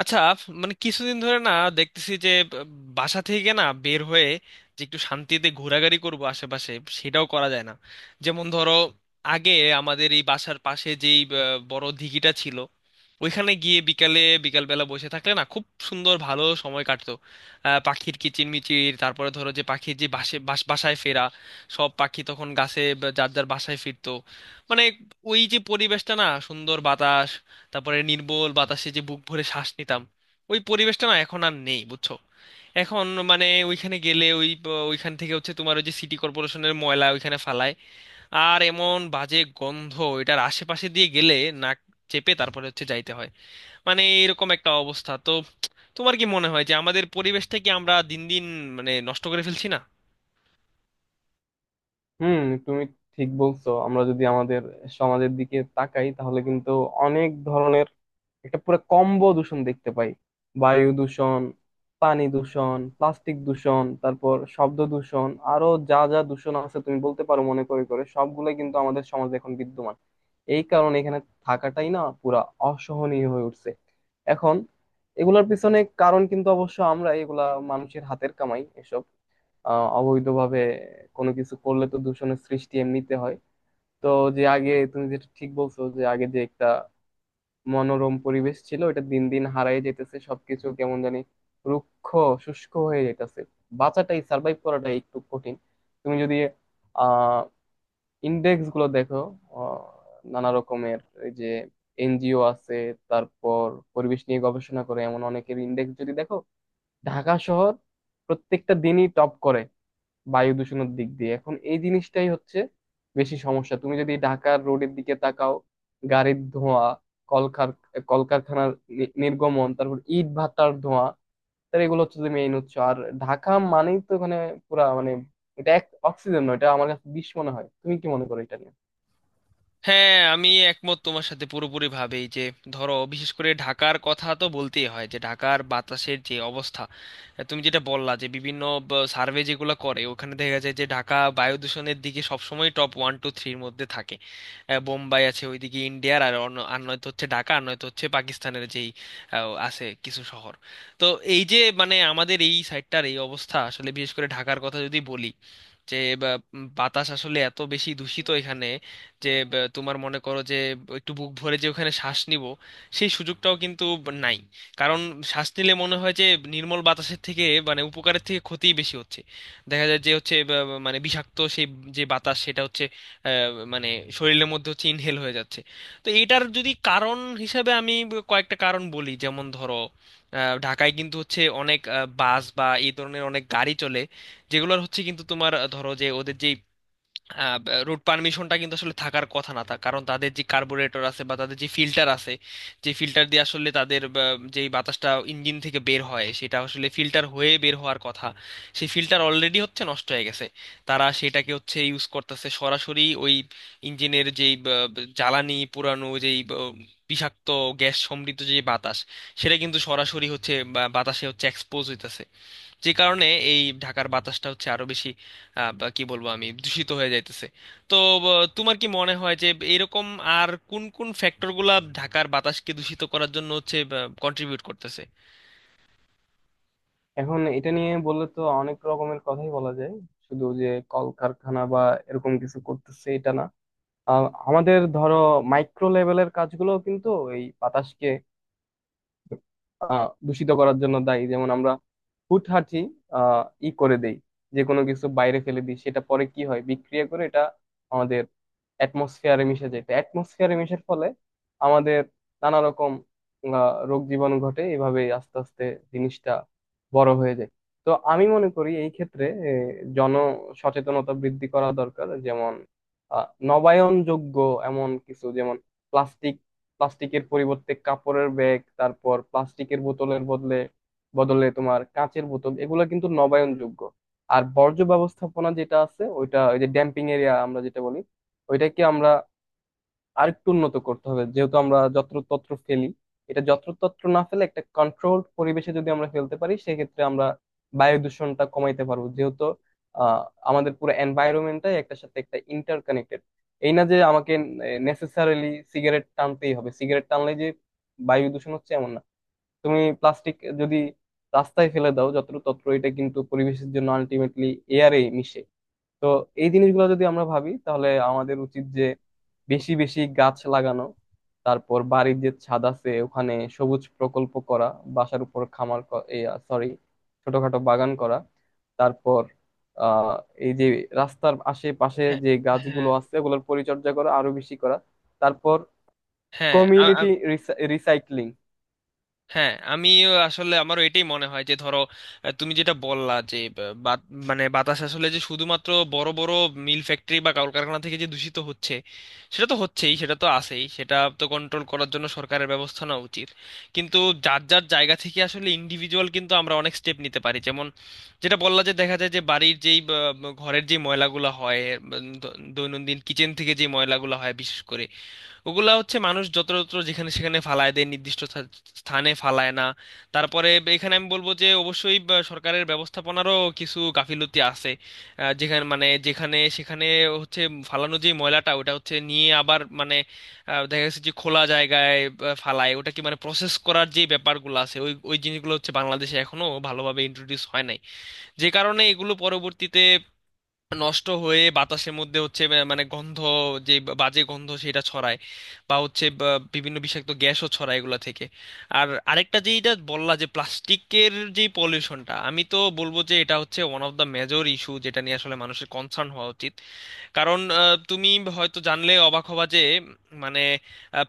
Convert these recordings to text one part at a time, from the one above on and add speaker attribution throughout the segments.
Speaker 1: আচ্ছা, মানে কিছুদিন ধরে না দেখতেছি যে আহ, বাসা থেকে না বের হয়ে যে একটু শান্তিতে ঘোরাঘুরি করব আশেপাশে, সেটাও করা যায় না। যেমন ধরো, আগে আমাদের এই বাসার পাশে যেই বড় দিঘিটা ছিল, ওইখানে গিয়ে বিকালে বিকালবেলা বসে থাকলে না, খুব সুন্দর ভালো সময় কাটতো। পাখির কিচিরমিচির, তারপরে ধরো যে পাখির যে বাসে বাসায় ফেরা, সব পাখি তখন গাছে বা যার যার বাসায় ফিরতো। মানে ওই যে পরিবেশটা না, সুন্দর বাতাস, তারপরে নির্মল বাতাসে যে বুক ভরে শ্বাস নিতাম, ওই পরিবেশটা না এখন আর নেই, বুঝছো? এখন মানে ওইখানে গেলে ওই ওইখান থেকে হচ্ছে তোমার ওই যে সিটি কর্পোরেশনের ময়লা ওইখানে ফালায়, আর এমন বাজে গন্ধ, এটার আশেপাশে দিয়ে গেলে নাক চেপে তারপরে হচ্ছে যাইতে হয়। মানে এরকম একটা অবস্থা তো। তোমার কি মনে হয় যে আমাদের পরিবেশটা কি আমরা দিন দিন মানে নষ্ট করে ফেলছি না?
Speaker 2: হুম। তুমি ঠিক বলছো, আমরা যদি আমাদের সমাজের দিকে তাকাই তাহলে কিন্তু অনেক ধরনের একটা পুরো কম্বো দূষণ দেখতে পাই। বায়ু দূষণ, পানি দূষণ, প্লাস্টিক দূষণ, তারপর শব্দ দূষণ, আরো যা যা দূষণ আছে তুমি বলতে পারো মনে করে করে, সবগুলোই কিন্তু আমাদের সমাজে এখন বিদ্যমান। এই কারণে এখানে থাকাটাই না পুরা অসহনীয় হয়ে উঠছে। এখন এগুলার পিছনে কারণ কিন্তু অবশ্য আমরা এগুলা মানুষের হাতের কামাই এসব। অবৈধভাবে কোনো কিছু করলে তো দূষণের সৃষ্টি এমনিতে হয়। তো যে আগে তুমি যেটা ঠিক বলছো, যে আগে যে একটা মনোরম পরিবেশ ছিল, এটা দিন দিন হারায় যেতেছে। সবকিছু কেমন জানি রুক্ষ শুষ্ক হয়ে যেতেছে। বাঁচাটাই, সার্ভাইভ করাটাই একটু কঠিন। তুমি যদি আহ ইন্ডেক্স গুলো দেখো, আহ, নানা রকমের এই যে এনজিও আছে, তারপর পরিবেশ নিয়ে গবেষণা করে এমন অনেকের ইন্ডেক্স যদি দেখো, ঢাকা শহর প্রত্যেকটা দিনই টপ করে বায়ু দূষণের দিক দিয়ে। এখন এই জিনিসটাই হচ্ছে বেশি সমস্যা। তুমি যদি ঢাকার রোডের দিকে তাকাও, গাড়ির ধোঁয়া, কলকার কলকারখানার নির্গমন, তারপর ইট ভাটার ধোঁয়া, তাহলে এগুলো হচ্ছে মেইন উৎস। আর ঢাকা মানেই তো এখানে পুরা মানে এটা এক অক্সিজেন নয়, এটা আমার কাছে বিষ মনে হয়। তুমি কি মনে করো এটা নিয়ে?
Speaker 1: হ্যাঁ, আমি একমত তোমার সাথে পুরোপুরি ভাবেই যে ধরো বিশেষ করে ঢাকার কথা তো বলতেই হয়, যে ঢাকার বাতাসের যে অবস্থা। তুমি যেটা বললা যে বিভিন্ন সার্ভে যেগুলো করে ওখানে দেখা যায় যে ঢাকা বায়ু দূষণের দিকে সবসময় টপ ওয়ান টু থ্রির মধ্যে থাকে। বোম্বাই আছে ওইদিকে ইন্ডিয়ার, আর অন্য আর নয়তো হচ্ছে ঢাকা, আর নয়তো হচ্ছে পাকিস্তানের যেই আছে কিছু শহর। তো এই যে মানে আমাদের এই সাইডটার এই অবস্থা আসলে, বিশেষ করে ঢাকার কথা যদি বলি, যে বা, বাতাস আসলে এত বেশি দূষিত এখানে, যে তোমার মনে করো যে একটু বুক ভরে যে ওখানে শ্বাস নিব, সেই সুযোগটাও কিন্তু নাই। কারণ শ্বাস নিলে মনে হয় যে নির্মল বাতাসের থেকে, মানে উপকারের থেকে ক্ষতিই বেশি হচ্ছে। দেখা যায় যে হচ্ছে বা, বা, মানে বিষাক্ত সেই যে বাতাস, সেটা হচ্ছে আহ, মানে শরীরের মধ্যে হচ্ছে ইনহেল হয়ে যাচ্ছে। তো এটার যদি কারণ হিসাবে আমি কয়েকটা কারণ বলি, যেমন ধরো ঢাকায় কিন্তু হচ্ছে অনেক বাস বা এই ধরনের অনেক গাড়ি চলে, যেগুলোর হচ্ছে কিন্তু তোমার ধরো যে ওদের যে রুট পারমিশনটা কিন্তু আসলে থাকার কথা না তা, কারণ তাদের যে কার্বুরেটর আছে বা তাদের যে ফিল্টার আছে, যে ফিল্টার দিয়ে আসলে তাদের যেই বাতাসটা ইঞ্জিন থেকে বের হয় সেটা আসলে ফিল্টার হয়ে বের হওয়ার কথা। সেই ফিল্টার অলরেডি হচ্ছে নষ্ট হয়ে গেছে, তারা সেটাকে হচ্ছে ইউজ করতেছে সরাসরি ওই ইঞ্জিনের যেই জ্বালানি পুরানো, যেই বিষাক্ত গ্যাস সমৃদ্ধ যে বাতাস, সেটা কিন্তু সরাসরি হচ্ছে বাতাসে হচ্ছে এক্সপোজ হইতেছে। যে কারণে এই ঢাকার বাতাসটা হচ্ছে আরো বেশি বা কি বলবো আমি, দূষিত হয়ে যাইতেছে। তো তোমার কি মনে হয় যে এরকম আর কোন কোন ফ্যাক্টরগুলা ঢাকার বাতাসকে দূষিত করার জন্য হচ্ছে কন্ট্রিবিউট করতেছে?
Speaker 2: এখন এটা নিয়ে বললে তো অনেক রকমের কথাই বলা যায়। শুধু যে কলকারখানা বা এরকম কিছু করতেছে এটা না। আমাদের ধরো মাইক্রো লেভেলের কাজগুলো কিন্তু এই বাতাসকে দূষিত করার জন্য দায়ী। যেমন আমরা হুটহাঁটি ই করে দেই, যে কোনো কিছু বাইরে ফেলে দিই, সেটা পরে কি হয় বিক্রিয়া করে এটা আমাদের অ্যাটমসফিয়ারে মিশে যায়। তো অ্যাটমসফিয়ারে মিশার ফলে আমাদের নানা রকম রোগ জীবাণু ঘটে। এভাবে আস্তে আস্তে জিনিসটা বড় হয়ে যায়। তো আমি মনে করি এই ক্ষেত্রে জন সচেতনতা বৃদ্ধি করা দরকার। যেমন নবায়নযোগ্য এমন কিছু, যেমন প্লাস্টিক, প্লাস্টিকের পরিবর্তে কাপড়ের ব্যাগ, তারপর প্লাস্টিকের বোতলের বদলে বদলে তোমার কাঁচের বোতল। এগুলো কিন্তু নবায়নযোগ্য। আর বর্জ্য ব্যবস্থাপনা যেটা আছে, ওইটা ওই যে ড্যাম্পিং এরিয়া আমরা যেটা বলি, ওইটাকে আমরা আরেকটু উন্নত করতে হবে। যেহেতু আমরা যত্রতত্র ফেলি, এটা যত্রতত্র না ফেলে একটা কন্ট্রোলড পরিবেশে যদি আমরা ফেলতে পারি, সেক্ষেত্রে আমরা বায়ু দূষণটা কমাইতে পারবো। যেহেতু আহ আমাদের পুরো এনভায়রনমেন্টটাই একটা সাথে একটা ইন্টারকানেক্টেড। এই না যে আমাকে নেসেসারিলি সিগারেট টানতেই হবে, সিগারেট টানলে যে বায়ু দূষণ হচ্ছে এমন না। তুমি প্লাস্টিক যদি রাস্তায় ফেলে দাও যত্রতত্র, এটা কিন্তু পরিবেশের জন্য আলটিমেটলি এয়ারে মিশে। তো এই জিনিসগুলো যদি আমরা ভাবি, তাহলে আমাদের উচিত যে বেশি বেশি গাছ লাগানো, তারপর বাড়ির যে ছাদ আছে ওখানে সবুজ প্রকল্প করা, বাসার উপর খামার, সরি, ছোটখাটো বাগান করা, তারপর আহ এই যে রাস্তার আশেপাশে
Speaker 1: হ্যাঁ,
Speaker 2: যে গাছগুলো
Speaker 1: হ্যাঁ,
Speaker 2: আছে ওগুলোর পরিচর্যা করা আরো বেশি করা, তারপর
Speaker 1: হ্যাঁ,
Speaker 2: কমিউনিটি রিসাইক্লিং।
Speaker 1: হ্যাঁ, আমি আসলে, আমারও এটাই মনে হয় যে ধরো তুমি যেটা বললা যে বা- বা- মানে বাতাস আসলে যে শুধুমাত্র বড় বড় মিল ফ্যাক্টরি বা কলকারখানা থেকে যে দূষিত হচ্ছে, সেটা তো হচ্ছেই, সেটা তো আছেই, সেটা তো কন্ট্রোল করার জন্য সরকারের ব্যবস্থা নেওয়া উচিত। কিন্তু যার যার জায়গা থেকে আসলে ইন্ডিভিজুয়াল কিন্তু আমরা অনেক স্টেপ নিতে পারি, যেমন যেটা বললা যে দেখা যায় যে বাড়ির যেই বা, বা, ঘরের যে ময়লাগুলো হয়, দৈনন্দিন কিচেন থেকে যে ময়লাগুলো হয় বিশেষ করে, ওগুলা হচ্ছে মানুষ যত্রতত্র যেখানে সেখানে ফালায় দেয়, নির্দিষ্ট স্থানে ফালায় না। তারপরে এখানে আমি বলবো যে অবশ্যই বা সরকারের ব্যবস্থাপনারও কিছু গাফিলতি আছে। যেখানে মানে যেখানে সেখানে হচ্ছে ফালানো যে ময়লাটা ওটা হচ্ছে নিয়ে আবার মানে দেখা গেছে যে খোলা জায়গায় ফালায়, ওটা কি মানে প্রসেস করার যে ব্যাপারগুলো আছে, ওই ওই জিনিসগুলো হচ্ছে বাংলাদেশে এখনো ভালোভাবে ইন্ট্রোডিউস হয় নাই। যে কারণে এগুলো পরবর্তীতে নষ্ট হয়ে বাতাসের মধ্যে হচ্ছে মানে গন্ধ, যে বাজে গন্ধ সেটা ছড়ায়, বা হচ্ছে বিভিন্ন বিষাক্ত গ্যাসও ছড়ায় এগুলা থেকে। আর আরেকটা যেটা বললা যে প্লাস্টিকের যে পলিউশনটা, আমি তো বলবো যে এটা হচ্ছে one of the major issue, যেটা নিয়ে আসলে মানুষের কনসার্ন হওয়া উচিত। কারণ তুমি হয়তো জানলে অবাক হবা যে মানে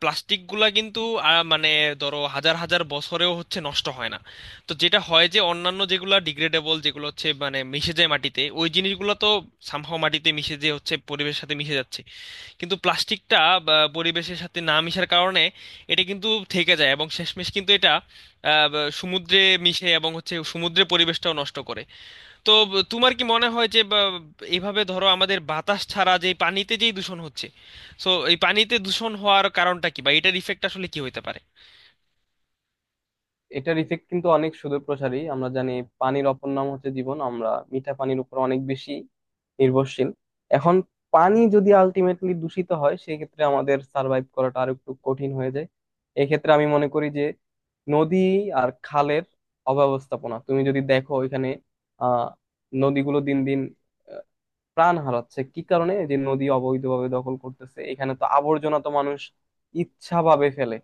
Speaker 1: প্লাস্টিক গুলা কিন্তু মানে ধরো হাজার হাজার বছরেও হচ্ছে নষ্ট হয় না। তো যেটা হয় যে অন্যান্য যেগুলো ডিগ্রেডেবল, যেগুলো হচ্ছে মানে মিশে যায় মাটিতে, ওই জিনিসগুলো তো সামহাও মাটিতে মিশে যেয়ে হচ্ছে পরিবেশের সাথে মিশে যাচ্ছে। কিন্তু প্লাস্টিকটা পরিবেশের সাথে না মিশার কারণে এটা কিন্তু থেকে যায়, এবং শেষমেশ কিন্তু এটা সমুদ্রে মিশে এবং হচ্ছে সমুদ্রের পরিবেশটাও নষ্ট করে। তো তোমার কি মনে হয় যে, এইভাবে ধরো আমাদের বাতাস ছাড়া যে পানিতে যেই দূষণ হচ্ছে, সো এই পানিতে দূষণ হওয়ার কারণটা কি বা এটার ইফেক্ট আসলে কি হতে পারে?
Speaker 2: এটার ইফেক্ট কিন্তু অনেক সুদূরপ্রসারী। আমরা জানি পানির অপর নাম হচ্ছে জীবন। আমরা মিঠা পানির উপর অনেক বেশি নির্ভরশীল। এখন পানি যদি আলটিমেটলি দূষিত হয়, সেক্ষেত্রে আমাদের সার্ভাইভ করাটা আর একটু কঠিন হয়ে যায়। এক্ষেত্রে আমি মনে করি যে নদী আর খালের অব্যবস্থাপনা তুমি যদি দেখো ওইখানে, আহ নদীগুলো দিন দিন আহ, প্রাণ হারাচ্ছে। কি কারণে? এই যে নদী অবৈধভাবে দখল করতেছে, এখানে তো আবর্জনা তো মানুষ ইচ্ছাভাবে ফেলে।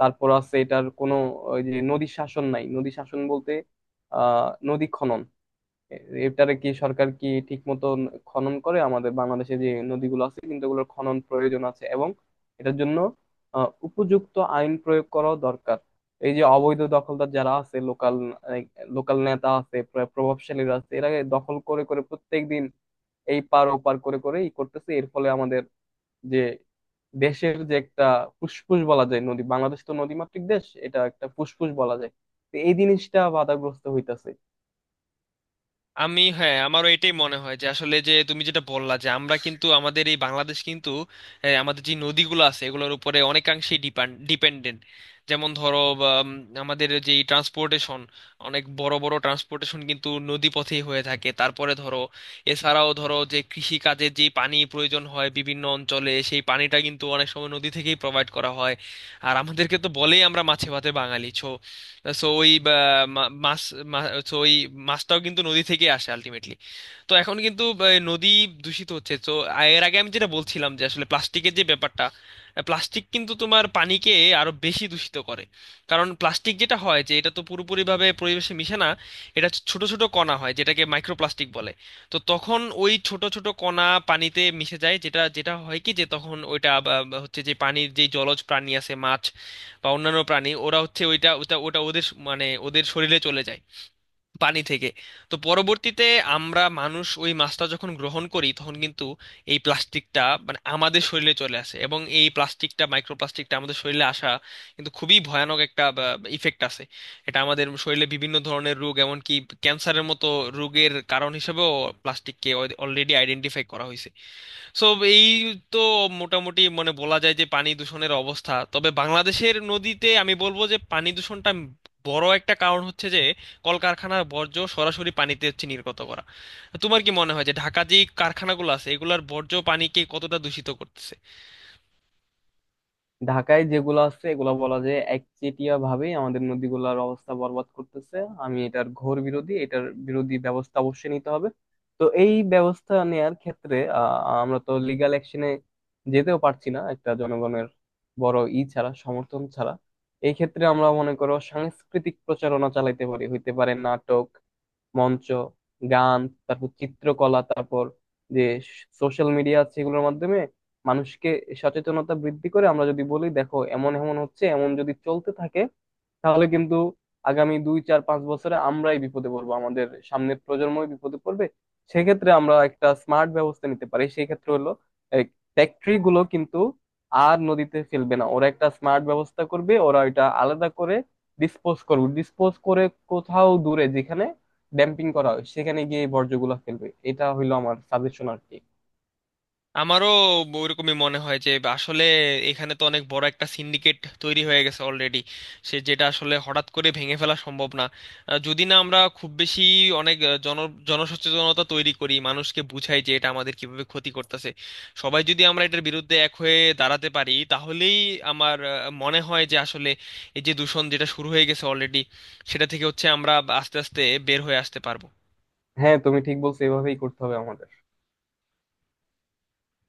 Speaker 2: তারপর আছে এটার কোনো ওই যে নদী শাসন নাই। নদী শাসন বলতে নদী খনন। এটারে কি সরকার কি ঠিক মতো খনন করে? আমাদের বাংলাদেশে যে নদীগুলো আছে কিন্তু এগুলোর খনন প্রয়োজন আছে এবং এটার জন্য উপযুক্ত আইন প্রয়োগ করা দরকার। এই যে অবৈধ দখলদার যারা আছে, লোকাল লোকাল নেতা আছে, প্রভাবশালীরা আছে। এরা দখল করে করে প্রত্যেকদিন এই পার ওপার করে করে ই করতেছে। এর ফলে আমাদের যে দেশের যে একটা ফুসফুস বলা যায় নদী, বাংলাদেশ তো নদীমাতৃক দেশ, এটা একটা ফুসফুস বলা যায়। তো এই জিনিসটা বাধাগ্রস্ত হইতাছে।
Speaker 1: আমি, হ্যাঁ, আমারও এটাই মনে হয় যে আসলে যে তুমি যেটা বললা যে আমরা কিন্তু আমাদের এই বাংলাদেশ কিন্তু আমাদের যে নদীগুলো আছে এগুলোর উপরে অনেকাংশেই ডিপেন্ডেন্ট। যেমন ধরো আমাদের যে ট্রান্সপোর্টেশন, অনেক বড় বড় ট্রান্সপোর্টেশন কিন্তু নদী পথেই হয়ে থাকে। তারপরে ধরো, এছাড়াও ধরো যে কৃষি কাজে যে পানি প্রয়োজন হয় বিভিন্ন অঞ্চলে, সেই পানিটা কিন্তু অনেক সময় নদী থেকেই প্রোভাইড করা হয়। আর আমাদেরকে তো বলেই আমরা মাছে ভাতে বাঙালি ছো। সো ওই মাছ, হচ্ছে ওই মাছটাও কিন্তু নদী থেকে আসে আলটিমেটলি। তো এখন কিন্তু নদী দূষিত হচ্ছে তো। এর আগে আমি যেটা বলছিলাম যে আসলে প্লাস্টিকের যে ব্যাপারটা, প্লাস্টিক কিন্তু তোমার পানিকে আরো বেশি দূষিত করে। কারণ প্লাস্টিক যেটা হয় যে এটা তো পুরোপুরিভাবে পরিবেশে মিশে না, এটা হচ্ছে ছোট ছোট কণা হয় যেটাকে মাইক্রোপ্লাস্টিক বলে। তো তখন ওই ছোট ছোট কণা পানিতে মিশে যায়, যেটা যেটা হয় কি যে তখন ওইটা হচ্ছে যে পানির যে জলজ প্রাণী আছে, মাছ বা অন্যান্য প্রাণী, ওরা হচ্ছে ওইটা ওটা ওটা ওদের মানে ওদের শরীরে চলে যায় পানি থেকে। তো পরবর্তীতে আমরা মানুষ ওই মাছটা যখন গ্রহণ করি তখন কিন্তু এই প্লাস্টিকটা মানে আমাদের শরীরে চলে আসে, এবং এই প্লাস্টিকটা মাইক্রোপ্লাস্টিকটা আমাদের শরীরে আসা কিন্তু খুবই ভয়ানক একটা ইফেক্ট আছে। এটা আমাদের শরীরে বিভিন্ন ধরনের রোগ, এমনকি ক্যান্সারের মতো রোগের কারণ হিসেবেও প্লাস্টিককে অলরেডি আইডেন্টিফাই করা হয়েছে। সো এই, তো মোটামুটি মানে বলা যায় যে পানি দূষণের অবস্থা। তবে বাংলাদেশের নদীতে আমি বলবো যে পানি দূষণটা বড় একটা কারণ হচ্ছে যে কলকারখানার বর্জ্য সরাসরি পানিতে হচ্ছে নির্গত করা। তোমার কি মনে হয় যে ঢাকা যে কারখানাগুলো আছে এগুলার বর্জ্য পানিকে কতটা দূষিত করতেছে?
Speaker 2: ঢাকায় যেগুলো আছে এগুলো বলা যায় একচেটিয়া ভাবে আমাদের নদীগুলোর অবস্থা বরবাদ করতেছে। আমি এটার ঘোর বিরোধী। এটার বিরোধী ব্যবস্থা অবশ্যই নিতে হবে। তো এই ব্যবস্থা নেয়ার ক্ষেত্রে আমরা তো লিগ্যাল অ্যাকশনে যেতেও পারছি না একটা জনগণের বড় ই ছাড়া, সমর্থন ছাড়া। এই ক্ষেত্রে আমরা মনে করো সাংস্কৃতিক প্রচারণা চালাইতে পারি, হইতে পারে নাটক, মঞ্চ, গান, তারপর চিত্রকলা, তারপর যে সোশ্যাল মিডিয়া আছে এগুলোর মাধ্যমে মানুষকে সচেতনতা বৃদ্ধি করে আমরা যদি বলি দেখো এমন এমন হচ্ছে, এমন যদি চলতে থাকে তাহলে কিন্তু আগামী 2, 4, 5 বছরে আমরাই বিপদে পড়বো, আমাদের সামনের প্রজন্মই বিপদে পড়বে। সেক্ষেত্রে আমরা একটা স্মার্ট ব্যবস্থা নিতে পারি, সেই ক্ষেত্রে হলো ফ্যাক্টরি গুলো কিন্তু আর নদীতে ফেলবে না, ওরা একটা স্মার্ট ব্যবস্থা করবে। ওরা এটা আলাদা করে ডিসপোজ করবে। ডিসপোজ করে কোথাও দূরে যেখানে ড্যাম্পিং করা হয় সেখানে গিয়ে এই বর্জ্যগুলা ফেলবে। এটা হইলো আমার সাজেশন আর কি।
Speaker 1: আমারও ওরকমই মনে হয় যে আসলে এখানে তো অনেক বড় একটা সিন্ডিকেট তৈরি হয়ে গেছে অলরেডি, সে যেটা আসলে হঠাৎ করে ভেঙে ফেলা সম্ভব না, যদি না আমরা খুব বেশি অনেক জনসচেতনতা তৈরি করি, মানুষকে বুঝাই যে এটা আমাদের কিভাবে ক্ষতি করতেছে। সবাই যদি আমরা এটার বিরুদ্ধে এক হয়ে দাঁড়াতে পারি তাহলেই আমার মনে হয় যে আসলে এই যে দূষণ যেটা শুরু হয়ে গেছে অলরেডি, সেটা থেকে হচ্ছে আমরা আস্তে আস্তে বের হয়ে আসতে পারবো।
Speaker 2: হ্যাঁ, তুমি ঠিক বলছো, এভাবেই করতে হবে আমাদের।